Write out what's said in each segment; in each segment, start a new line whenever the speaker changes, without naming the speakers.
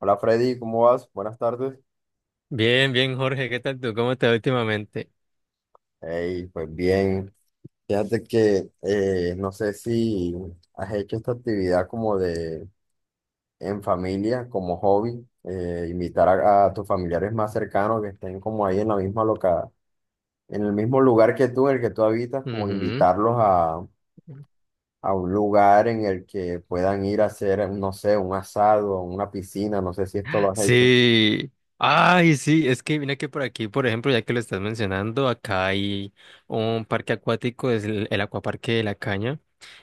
Hola Freddy, ¿cómo vas? Buenas tardes.
Bien, bien, Jorge, ¿qué tal tú? ¿Cómo te va últimamente?
Hey, pues bien. Fíjate que no sé si has hecho esta actividad como de en familia, como hobby, invitar a tus familiares más cercanos que estén como ahí en la misma loca, en el mismo lugar que tú, en el que tú habitas, como
Ujú.
invitarlos a un lugar en el que puedan ir a hacer, no sé, un asado, una piscina, no sé si esto lo has hecho.
Sí. Ay, sí, es que mira que por aquí, por ejemplo, ya que lo estás mencionando, acá hay un parque acuático, es el Acuaparque de la Caña.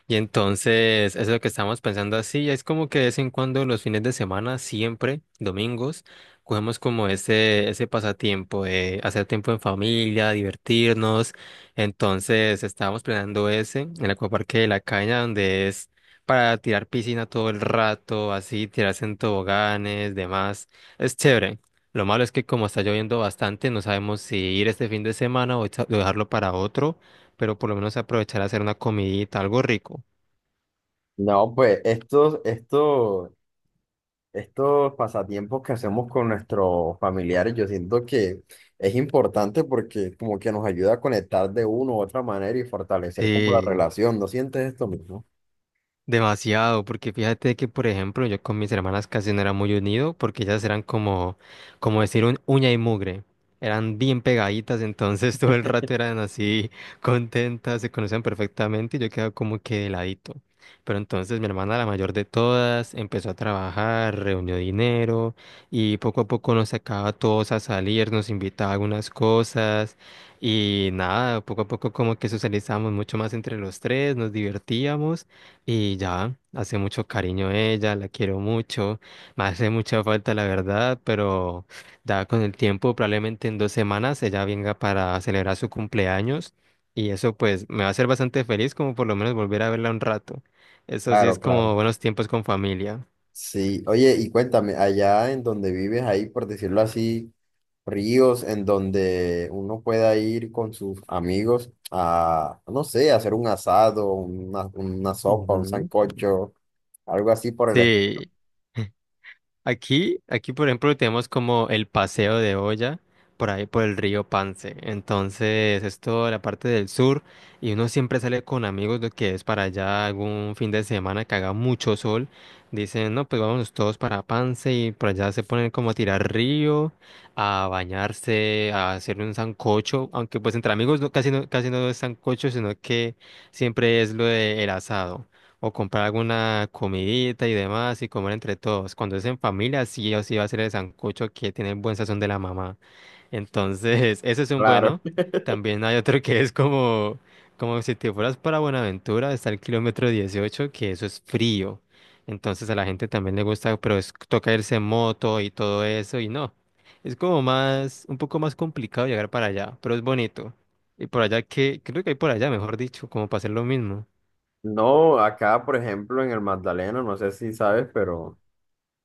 Y entonces, eso es lo que estamos pensando así, es como que de vez en cuando los fines de semana, siempre, domingos, cogemos como ese pasatiempo de hacer tiempo en familia, divertirnos. Entonces, estábamos planeando ese, el Acuaparque de la Caña, donde es para tirar piscina todo el rato, así, tirarse en toboganes, demás. Es chévere. Lo malo es que como está lloviendo bastante, no sabemos si ir este fin de semana o o dejarlo para otro, pero por lo menos aprovechar a hacer una comidita, algo rico.
No, pues estos pasatiempos que hacemos con nuestros familiares, yo siento que es importante porque como que nos ayuda a conectar de una u otra manera y fortalecer como la
Sí.
relación. ¿No sientes esto mismo?
Demasiado, porque fíjate que, por ejemplo, yo con mis hermanas casi no era muy unido, porque ellas eran como, como decir, un uña y mugre. Eran bien pegaditas, entonces todo el rato eran así contentas, se conocían perfectamente y yo quedaba como que de ladito. Pero entonces mi hermana, la mayor de todas, empezó a trabajar, reunió dinero y poco a poco nos sacaba a todos a salir, nos invitaba a algunas cosas y nada, poco a poco como que socializamos mucho más entre los tres, nos divertíamos. Y ya, hace mucho cariño a ella, la quiero mucho, me hace mucha falta la verdad, pero ya con el tiempo, probablemente en 2 semanas, ella venga para celebrar su cumpleaños y eso pues me va a hacer bastante feliz como por lo menos volver a verla un rato. Eso sí es
Claro, claro.
como buenos tiempos con familia.
Sí, oye, y cuéntame, allá en donde vives, hay, por decirlo así, ríos en donde uno pueda ir con sus amigos a, no sé, hacer un asado, una sopa, un
Ujú.
sancocho, algo así por el...
Sí. Aquí, aquí, por ejemplo, tenemos como el paseo de olla por ahí por el río Pance. Entonces, es toda la parte del sur y uno siempre sale con amigos de que es para allá algún fin de semana que haga mucho sol. Dicen, no, pues vámonos todos para Pance y por allá se ponen como a tirar río, a bañarse, a hacer un sancocho. Aunque pues entre amigos casi no es sancocho, sino que siempre es lo del asado. O comprar alguna comidita y demás y comer entre todos. Cuando es en familia, sí o sí va a ser el sancocho que tiene el buen sazón de la mamá. Entonces, ese es un
Claro.
bueno. También hay otro que es como, como si te fueras para Buenaventura, está el kilómetro 18 que eso es frío. Entonces a la gente también le gusta, pero es, toca irse en moto y todo eso y no. Es como más, un poco más complicado llegar para allá, pero es bonito. Y por allá que, creo que hay por allá, mejor dicho, como para hacer lo mismo.
No, acá, por ejemplo, en el Magdalena, no sé si sabes, pero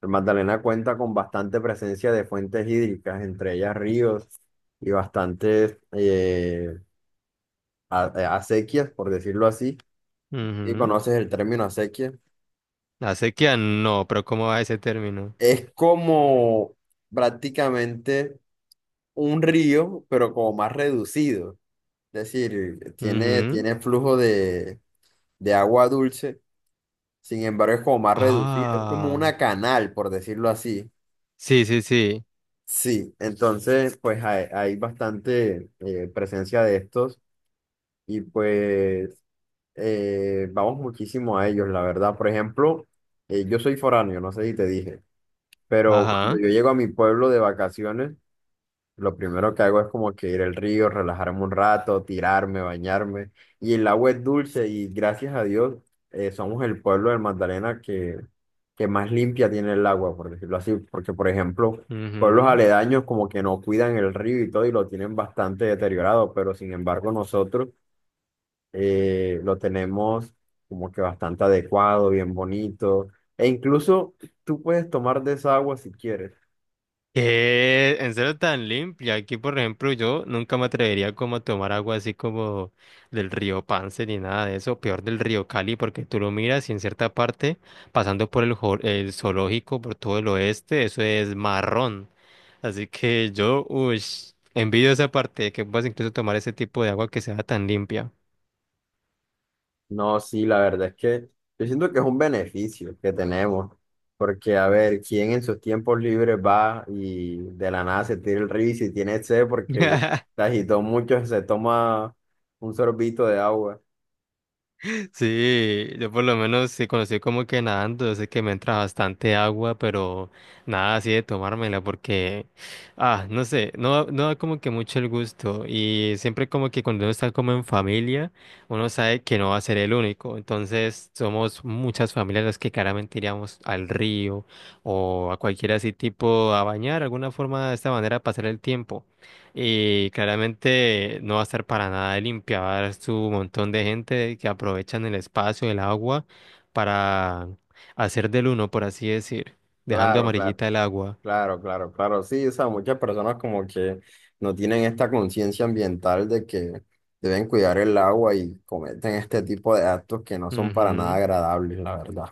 el Magdalena cuenta con bastante presencia de fuentes hídricas, entre ellas ríos y bastantes acequias, por decirlo así. Si
Ujú.
conoces el término acequia,
La sequía no, pero ¿cómo va ese término?
es como prácticamente un río, pero como más reducido. Es decir, tiene,
Ujú.
tiene flujo de agua dulce, sin embargo, es como más reducido. Es como
Ah,
una canal, por decirlo así.
sí, sí, sí.
Sí, entonces pues hay bastante presencia de estos y pues vamos muchísimo a ellos, la verdad. Por ejemplo, yo soy foráneo, no sé si te dije, pero cuando
Ajá.
yo llego a mi pueblo de vacaciones, lo primero que hago es como que ir al río, relajarme un rato, tirarme, bañarme. Y el agua es dulce y gracias a Dios somos el pueblo del Magdalena que más limpia tiene el agua, por decirlo así. Porque, por ejemplo, pueblos
Ujú.
aledaños como que no cuidan el río y todo y lo tienen bastante deteriorado, pero sin embargo nosotros lo tenemos como que bastante adecuado, bien bonito. E incluso tú puedes tomar de esa agua si quieres.
¿Qué? ¿En serio tan limpia? Aquí, por ejemplo, yo nunca me atrevería como a tomar agua así como del río Pance ni nada de eso. Peor del río Cali, porque tú lo miras y en cierta parte, pasando por el, el zoológico, por todo el oeste, eso es marrón. Así que yo, uy, envidio esa parte, que puedas incluso tomar ese tipo de agua que sea tan limpia.
No, sí, la verdad es que yo siento que es un beneficio que tenemos, porque a ver, ¿quién en sus tiempos libres va y de la nada se tira el río y si tiene sed porque se agitó mucho, se toma un sorbito de agua?
Sí, yo por lo menos sí conocí como que nadando, yo sé que me entra bastante agua, pero nada así de tomármela porque, ah, no sé, no, no da como que mucho el gusto y siempre como que cuando uno está como en familia, uno sabe que no va a ser el único, entonces somos muchas familias las que claramente iríamos al río o a cualquier así tipo a bañar, alguna forma de esta manera pasar el tiempo. Y claramente no va a estar para nada limpia, va a haber su montón de gente que aprovechan el espacio, el agua, para hacer del uno, por así decir, dejando
Claro, claro,
amarillita el agua.
claro, claro, claro, sí, o sea, muchas personas como que no tienen esta conciencia ambiental de que deben cuidar el agua y cometen este tipo de actos que no son para nada
Ujú.
agradables, la verdad.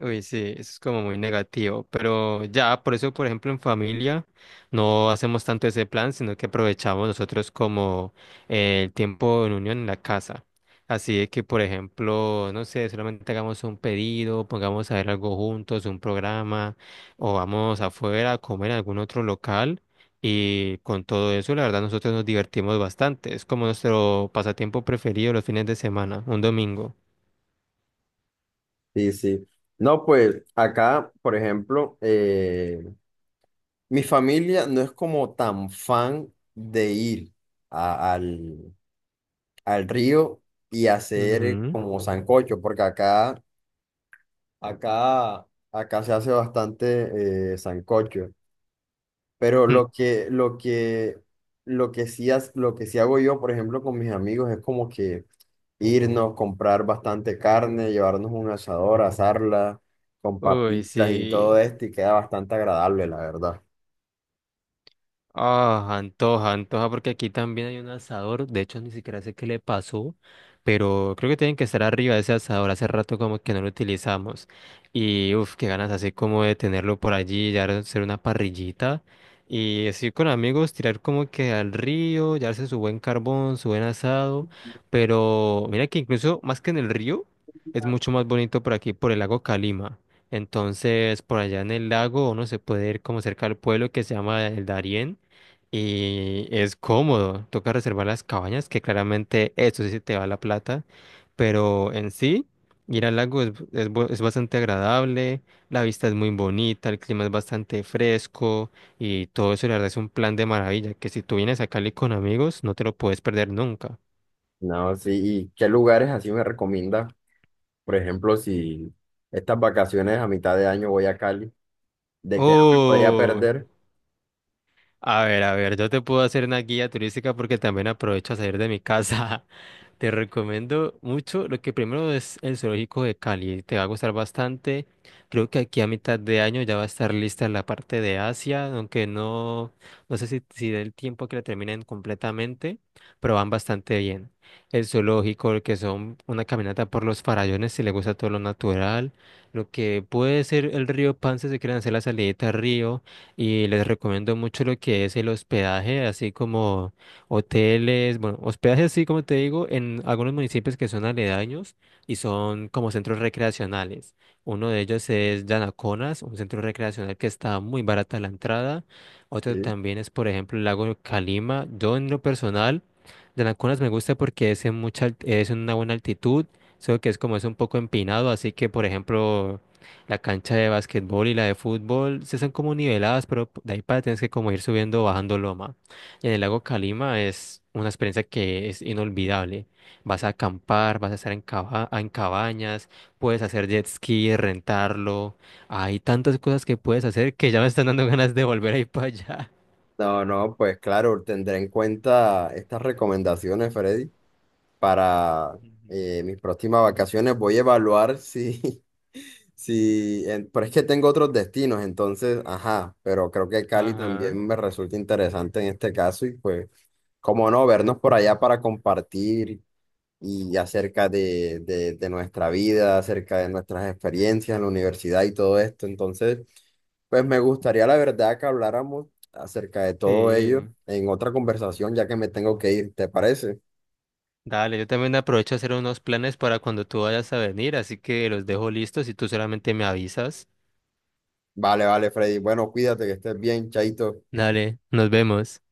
Uy, sí, eso es como muy negativo, pero ya, por eso, por ejemplo, en familia no hacemos tanto ese plan, sino que aprovechamos nosotros como el tiempo en unión en la casa. Así de que, por ejemplo, no sé, solamente hagamos un pedido, pongamos a ver algo juntos, un programa, o vamos afuera a comer en algún otro local. Y con todo eso, la verdad, nosotros nos divertimos bastante. Es como nuestro pasatiempo preferido los fines de semana, un domingo.
Sí, sí. No, pues acá, por ejemplo, mi familia no es como tan fan de ir a- al, al río y hacer
Ujú.
como sancocho, porque acá, acá se hace bastante sancocho. Pero lo que sí hago yo, por ejemplo, con mis amigos es como que irnos, comprar bastante carne, llevarnos un asador, asarla con
Uy,
papitas y todo
sí.
esto y queda bastante agradable, la verdad.
Ah, antoja, antoja, porque aquí también hay un asador. De hecho, ni siquiera sé qué le pasó, pero creo que tienen que estar arriba de ese asador. Hace rato como que no lo utilizamos. Y uff, qué ganas así como de tenerlo por allí, ya hacer una parrillita. Y así con amigos, tirar como que al río, llevarse su buen carbón, su buen asado. Pero mira que incluso más que en el río, es mucho más bonito por aquí, por el lago Calima. Entonces, por allá en el lago uno se puede ir como cerca al pueblo que se llama el Darién y es cómodo, toca reservar las cabañas, que claramente eso sí se te va la plata, pero en sí, ir al lago es, es bastante agradable, la vista es muy bonita, el clima es bastante fresco y todo eso, la verdad es un plan de maravilla, que si tú vienes a Cali con amigos, no te lo puedes perder nunca.
No, sí, ¿y qué lugares así me recomienda? Por ejemplo, si estas vacaciones a mitad de año voy a Cali, ¿de qué no me podría
Uy,
perder?
a ver, yo te puedo hacer una guía turística porque también aprovecho a salir de mi casa. Te recomiendo mucho. Lo que primero es el zoológico de Cali. Te va a gustar bastante. Creo que aquí a mitad de año ya va a estar lista la parte de Asia, aunque no, no sé si, si dé el tiempo que la terminen completamente, pero van bastante bien. El zoológico, lo que son una caminata por los farallones, si le gusta todo lo natural. Lo que puede ser el río Pan si quieren hacer la salidita al río. Y les recomiendo mucho lo que es el hospedaje, así como hoteles, bueno, hospedajes sí, como te digo, en algunos municipios que son aledaños y son como centros recreacionales. Uno de ellos es Yanaconas, un centro recreacional que está muy barata la entrada. Otro
Sí.
también es, por ejemplo, el lago de Calima. Yo en lo personal, Yanaconas me gusta porque es en mucha, es en una buena altitud, solo que es como es un poco empinado, así que, por ejemplo, la cancha de básquetbol y la de fútbol se son como niveladas, pero de ahí para tienes que como ir subiendo o bajando loma. En el lago Calima es una experiencia que es inolvidable. Vas a acampar, vas a estar en, en cabañas, puedes hacer jet ski, rentarlo. Hay tantas cosas que puedes hacer que ya me están dando ganas de volver a ir para allá.
No, no, pues claro, tendré en cuenta estas recomendaciones, Freddy, para
Ujú.
mis próximas vacaciones. Voy a evaluar si, si, en- pero es que tengo otros destinos, entonces, ajá, pero creo que Cali
Ajá,
también me resulta interesante en este caso y pues, como no, vernos por allá para compartir y acerca de nuestra vida, acerca de nuestras experiencias en la universidad y todo esto. Entonces, pues me gustaría la verdad que habláramos acerca de todo
sí.
ello en otra conversación, ya que me tengo que ir, ¿te parece?
Dale, yo también aprovecho a hacer unos planes para cuando tú vayas a venir, así que los dejo listos y tú solamente me avisas.
Vale, vale, Freddy. Bueno, cuídate, que estés bien, chaito.
Dale, nos vemos.